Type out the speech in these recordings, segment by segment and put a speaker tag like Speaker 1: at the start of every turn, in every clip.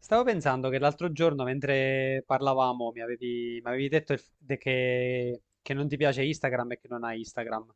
Speaker 1: Stavo pensando che l'altro giorno, mentre parlavamo, mi avevi detto il f- de- che non ti piace Instagram e che non hai Instagram.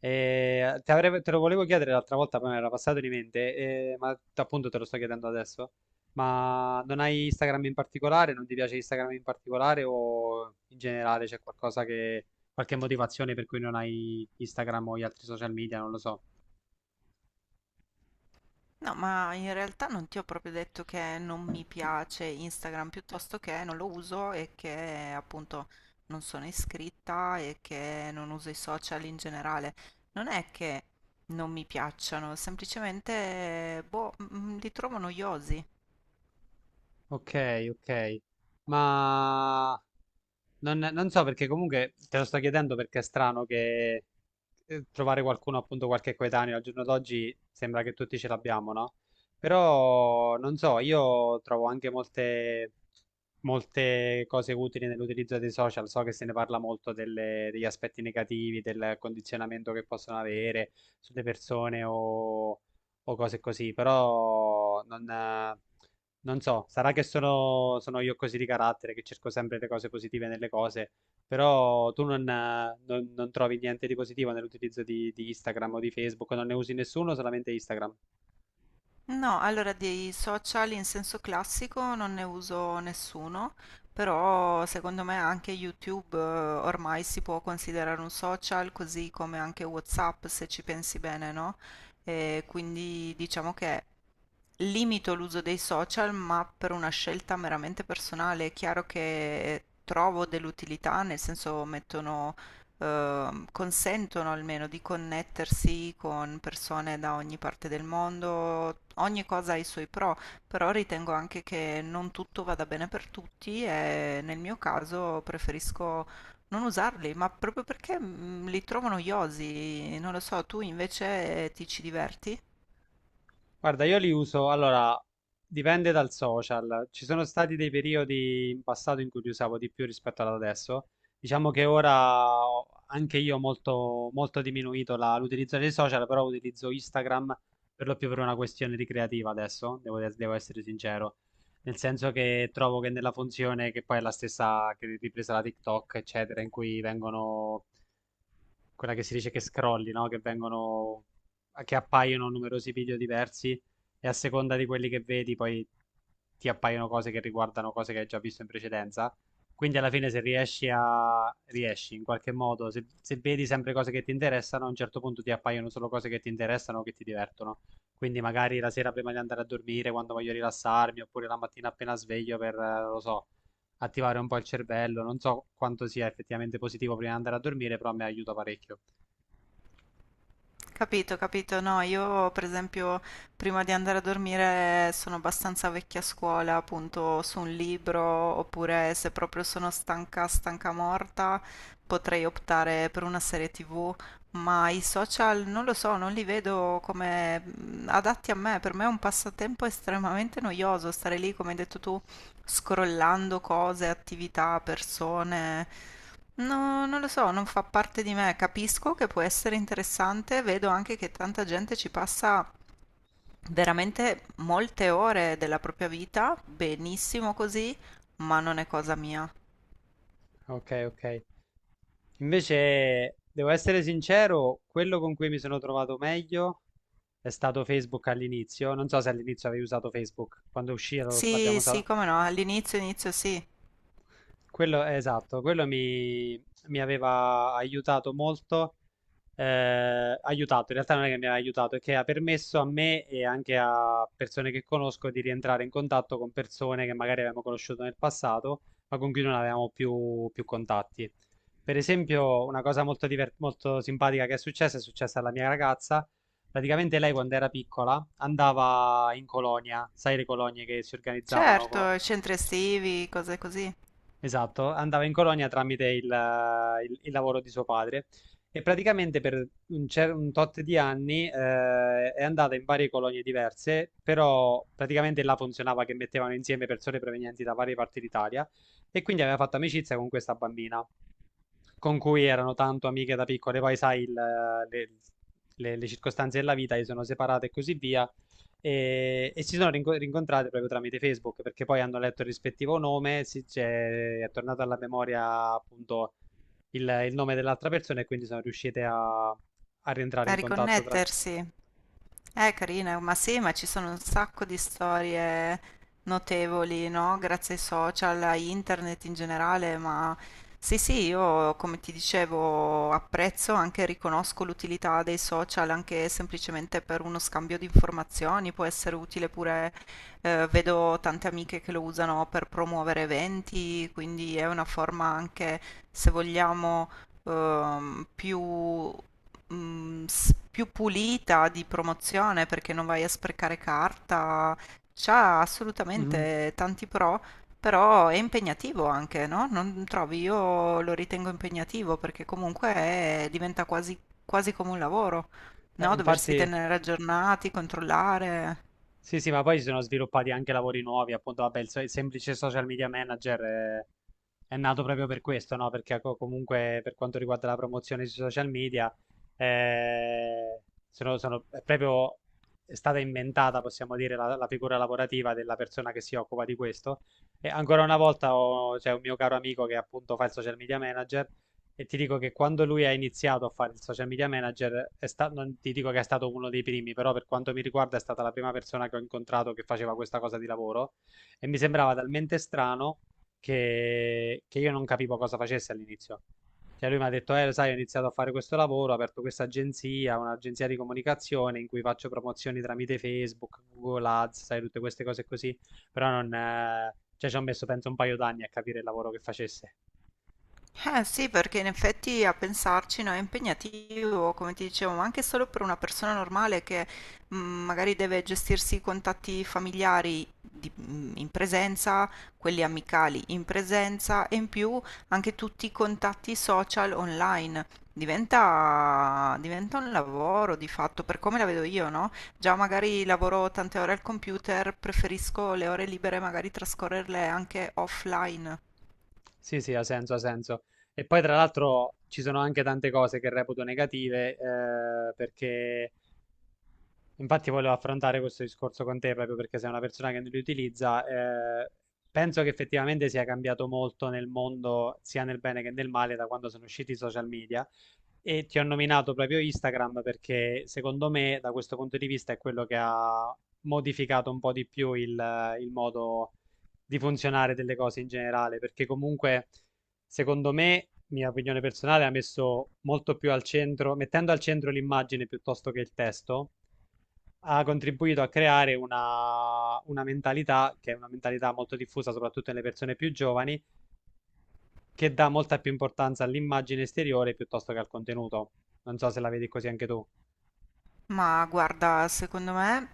Speaker 1: E te, te lo volevo chiedere l'altra volta, poi mi era passato di mente, ma appunto te lo sto chiedendo adesso. Ma non hai Instagram in particolare? Non ti piace Instagram in particolare? O in generale c'è qualcosa qualche motivazione per cui non hai Instagram o gli altri social media? Non lo so.
Speaker 2: No, ma in realtà non ti ho proprio detto che non mi piace Instagram, piuttosto che non lo uso e che appunto non sono iscritta e che non uso i social in generale. Non è che non mi piacciono, semplicemente boh, li trovo noiosi.
Speaker 1: Ok, ok. Ma non so perché comunque te lo sto chiedendo perché è strano che trovare qualcuno, appunto qualche coetaneo al giorno d'oggi sembra che tutti ce l'abbiamo, no? Però non so, io trovo anche molte, molte cose utili nell'utilizzo dei social. So che se ne parla molto degli aspetti negativi, del condizionamento che possono avere sulle persone o cose così, però non so, sarà che sono io così di carattere, che cerco sempre le cose positive nelle cose, però tu non trovi niente di positivo nell'utilizzo di Instagram o di Facebook, non ne usi nessuno, solamente Instagram.
Speaker 2: No, allora dei social in senso classico non ne uso nessuno, però secondo me anche YouTube ormai si può considerare un social, così come anche WhatsApp se ci pensi bene, no? E quindi diciamo che limito l'uso dei social, ma per una scelta meramente personale. È chiaro che trovo dell'utilità, nel senso mettono, consentono almeno di connettersi con persone da ogni parte del mondo. Ogni cosa ha i suoi pro, però ritengo anche che non tutto vada bene per tutti e nel mio caso preferisco non usarli, ma proprio perché li trovo noiosi. Non lo so, tu invece ti ci diverti?
Speaker 1: Guarda, io li uso, allora, dipende dal social. Ci sono stati dei periodi in passato in cui li usavo di più rispetto ad adesso. Diciamo che ora anche io ho molto, molto diminuito l'utilizzo dei social, però utilizzo Instagram per lo più per una questione ricreativa adesso, devo essere sincero. Nel senso che trovo che nella funzione, che poi è la stessa che ripresa da TikTok, eccetera, in cui vengono quella che si dice che scrolli, no? Che appaiono numerosi video diversi e a seconda di quelli che vedi poi ti appaiono cose che riguardano cose che hai già visto in precedenza. Quindi alla fine se riesci in qualche modo, se vedi sempre cose che ti interessano, a un certo punto ti appaiono solo cose che ti interessano o che ti divertono. Quindi magari la sera prima di andare a dormire, quando voglio rilassarmi, oppure la mattina appena sveglio per, non lo so, attivare un po' il cervello. Non so quanto sia effettivamente positivo prima di andare a dormire, però mi aiuta parecchio.
Speaker 2: Capito, capito. No, io per esempio prima di andare a dormire sono abbastanza vecchia scuola, appunto su un libro, oppure se proprio sono stanca, stanca morta, potrei optare per una serie TV, ma i social non lo so, non li vedo come adatti a me. Per me è un passatempo estremamente noioso stare lì, come hai detto tu, scrollando cose, attività, persone. No, non lo so, non fa parte di me. Capisco che può essere interessante, vedo anche che tanta gente ci passa veramente molte ore della propria vita, benissimo così, ma non è cosa mia.
Speaker 1: Ok, ok. Invece, devo essere sincero, quello con cui mi sono trovato meglio è stato Facebook all'inizio. Non so se all'inizio avevi usato Facebook, quando uscì l'abbiamo
Speaker 2: Sì, sì,
Speaker 1: usato.
Speaker 2: come no, all'inizio, inizio sì.
Speaker 1: Quello, esatto, quello mi aveva aiutato molto aiutato, in realtà non è che mi ha aiutato, è che ha permesso a me e anche a persone che conosco di rientrare in contatto con persone che magari avevamo conosciuto nel passato, ma con cui non avevamo più contatti. Per esempio, una cosa molto simpatica che è successa alla mia ragazza. Praticamente lei quando era piccola andava in colonia, sai le colonie che si organizzavano.
Speaker 2: Certo, centri estivi, cose così.
Speaker 1: Esatto, andava in colonia tramite il lavoro di suo padre e praticamente per un tot di anni è andata in varie colonie diverse, però praticamente là funzionava che mettevano insieme persone provenienti da varie parti d'Italia e quindi aveva fatto amicizia con questa bambina con cui erano tanto amiche da piccole, poi sai, le circostanze della vita, si sono separate e così via, e si sono rincontrate proprio tramite Facebook, perché poi hanno letto il rispettivo nome, si, è tornato alla memoria appunto il nome dell'altra persona e quindi sono riuscite a rientrare
Speaker 2: A
Speaker 1: in contatto.
Speaker 2: riconnettersi. Carina, ma sì, ma ci sono un sacco di storie notevoli, no? Grazie ai social, a internet in generale, ma sì, sì, io come ti dicevo apprezzo, anche riconosco l'utilità dei social, anche semplicemente per uno scambio di informazioni, può essere utile pure, vedo tante amiche che lo usano per promuovere eventi, quindi è una forma anche, se vogliamo più più pulita di promozione perché non vai a sprecare carta, c'ha
Speaker 1: Mhm.
Speaker 2: assolutamente tanti pro, però è impegnativo anche, no? Non trovi? Io lo ritengo impegnativo perché comunque diventa quasi, quasi come un lavoro, no? Doversi
Speaker 1: Infatti...
Speaker 2: tenere aggiornati, controllare.
Speaker 1: Sì, sì, ma poi si sono sviluppati anche lavori nuovi, appunto, vabbè, il semplice social media manager è nato proprio per questo, no? Perché comunque per quanto riguarda la promozione sui social media, eh, sono, sono- è proprio è stata inventata, possiamo dire, la figura lavorativa della persona che si occupa di questo. E ancora una volta c'è un mio caro amico che appunto fa il social media manager e ti dico che quando lui ha iniziato a fare il social media manager, non ti dico che è stato uno dei primi, però per quanto mi riguarda è stata la prima persona che ho incontrato che faceva questa cosa di lavoro e mi sembrava talmente strano che io non capivo cosa facesse all'inizio. Cioè lui mi ha detto, lo sai, ho iniziato a fare questo lavoro, ho aperto questa agenzia, un'agenzia di comunicazione in cui faccio promozioni tramite Facebook, Google Ads, sai, tutte queste cose così, però non... Cioè, ci ho messo penso un paio d'anni a capire il lavoro che facesse.
Speaker 2: Eh sì, perché in effetti a pensarci, no, è impegnativo, come ti dicevo, ma anche solo per una persona normale che magari deve gestirsi i contatti familiari in presenza, quelli amicali in presenza e in più anche tutti i contatti social online. Diventa, diventa un lavoro di fatto, per come la vedo io, no? Già magari lavoro tante ore al computer, preferisco le ore libere magari trascorrerle anche offline.
Speaker 1: Sì, sì, ha senso, ha senso. E poi tra l'altro ci sono anche tante cose che reputo negative, perché infatti volevo affrontare questo discorso con te proprio perché sei una persona che non li utilizza. Penso che effettivamente sia cambiato molto nel mondo, sia nel bene che nel male, da quando sono usciti i social media. E ti ho nominato proprio Instagram perché secondo me da questo punto di vista è quello che ha modificato un po' di più il modo di funzionare delle cose in generale, perché comunque secondo me, mia opinione personale, ha messo molto più al centro, mettendo al centro l'immagine piuttosto che il testo, ha contribuito a creare una mentalità che è una mentalità molto diffusa soprattutto nelle persone più giovani che dà molta più importanza all'immagine esteriore piuttosto che al contenuto. Non so se la vedi così anche tu.
Speaker 2: Ma guarda, secondo me,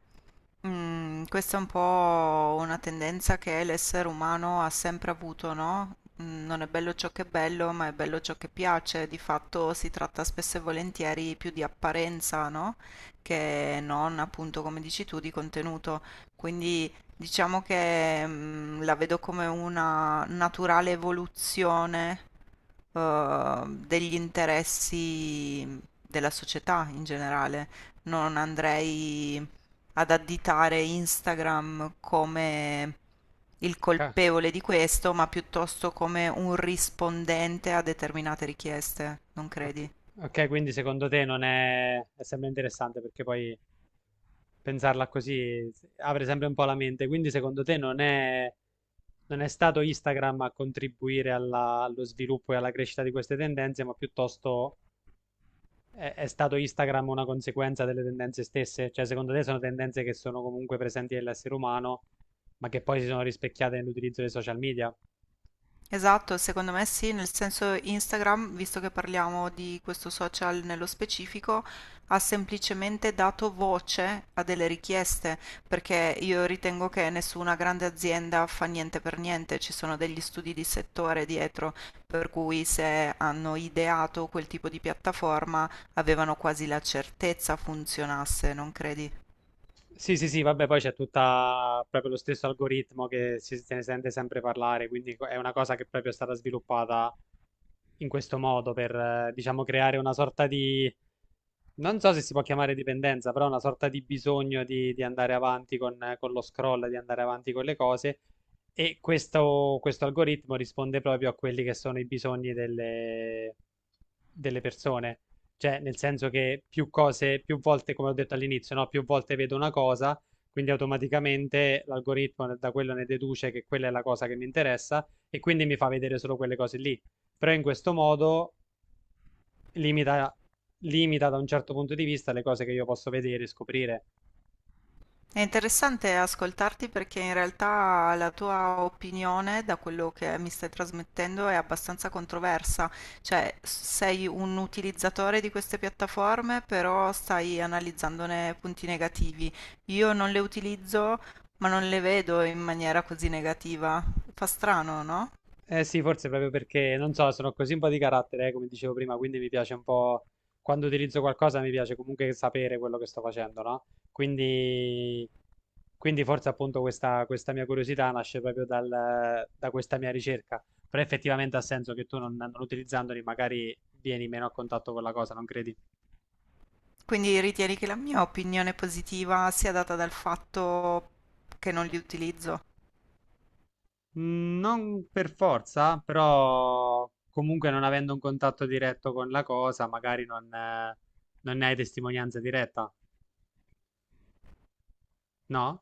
Speaker 2: questa è un po' una tendenza che l'essere umano ha sempre avuto, no? Non è bello ciò che è bello, ma è bello ciò che piace. Di fatto si tratta spesso e volentieri più di apparenza, no? Che non, appunto, come dici tu, di contenuto. Quindi diciamo che la vedo come una naturale evoluzione degli interessi della società in generale non andrei ad additare Instagram come il
Speaker 1: Ca-
Speaker 2: colpevole di questo, ma piuttosto come un rispondente a determinate richieste, non
Speaker 1: Ok,
Speaker 2: credi?
Speaker 1: ok, quindi secondo te non è... è sempre interessante perché poi pensarla così apre sempre un po' la mente. Quindi secondo te non è stato Instagram a contribuire allo sviluppo e alla crescita di queste tendenze, ma piuttosto è stato Instagram una conseguenza delle tendenze stesse? Cioè secondo te sono tendenze che sono comunque presenti nell'essere umano, ma che poi si sono rispecchiate nell'utilizzo dei social media?
Speaker 2: Esatto, secondo me sì, nel senso Instagram, visto che parliamo di questo social nello specifico, ha semplicemente dato voce a delle richieste, perché io ritengo che nessuna grande azienda fa niente per niente, ci sono degli studi di settore dietro, per cui se hanno ideato quel tipo di piattaforma avevano quasi la certezza funzionasse, non credi?
Speaker 1: Sì, sì, sì, vabbè, poi c'è tutta proprio lo stesso algoritmo che se ne sente sempre parlare, quindi è una cosa che proprio è stata sviluppata in questo modo per, diciamo, creare una sorta di, non so se si può chiamare dipendenza, però una sorta di bisogno di andare avanti con lo scroll, di andare avanti con le cose. E questo algoritmo risponde proprio a quelli che sono i bisogni delle persone. Cioè, nel senso che più volte, come ho detto all'inizio, no? Più volte vedo una cosa, quindi automaticamente l'algoritmo da quello ne deduce che quella è la cosa che mi interessa e quindi mi fa vedere solo quelle cose lì. Però in questo modo limita, limita da un certo punto di vista le cose che io posso vedere e scoprire.
Speaker 2: È interessante ascoltarti perché in realtà la tua opinione, da quello che mi stai trasmettendo, è abbastanza controversa. Cioè, sei un utilizzatore di queste piattaforme, però stai analizzandone punti negativi. Io non le utilizzo, ma non le vedo in maniera così negativa. Fa strano, no?
Speaker 1: Eh sì, forse proprio perché, non so, sono così un po' di carattere, come dicevo prima, quindi mi piace un po', quando utilizzo qualcosa mi piace comunque sapere quello che sto facendo, no? Quindi, quindi forse appunto questa mia curiosità nasce proprio da questa mia ricerca, però effettivamente ha senso che tu non utilizzandoli magari vieni meno a contatto con la cosa, non credi?
Speaker 2: Quindi ritieni che la mia opinione positiva sia data dal fatto che non li utilizzo?
Speaker 1: Non per forza, però comunque non avendo un contatto diretto con la cosa, magari non ne hai testimonianza diretta, no?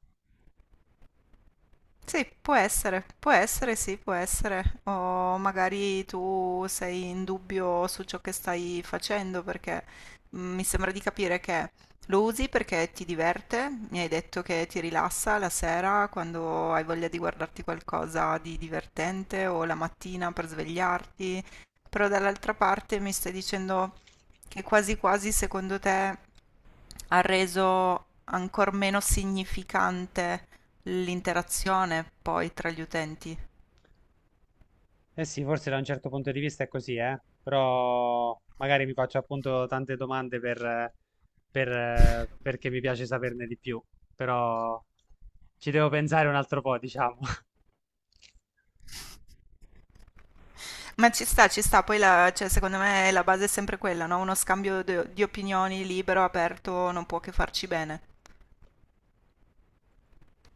Speaker 2: Sì, può essere, sì, può essere. O magari tu sei in dubbio su ciò che stai facendo perché mi sembra di capire che lo usi perché ti diverte, mi hai detto che ti rilassa la sera quando hai voglia di guardarti qualcosa di divertente o la mattina per svegliarti, però dall'altra parte mi stai dicendo che quasi quasi secondo te ha reso ancora meno significante l'interazione poi tra gli utenti.
Speaker 1: Eh sì, forse da un certo punto di vista è così, eh? Però magari mi faccio appunto tante domande perché mi piace saperne di più, però ci devo pensare un altro po', diciamo.
Speaker 2: Ma ci sta, poi cioè, secondo me la base è sempre quella, no? Uno scambio di opinioni libero, aperto, non può che farci bene.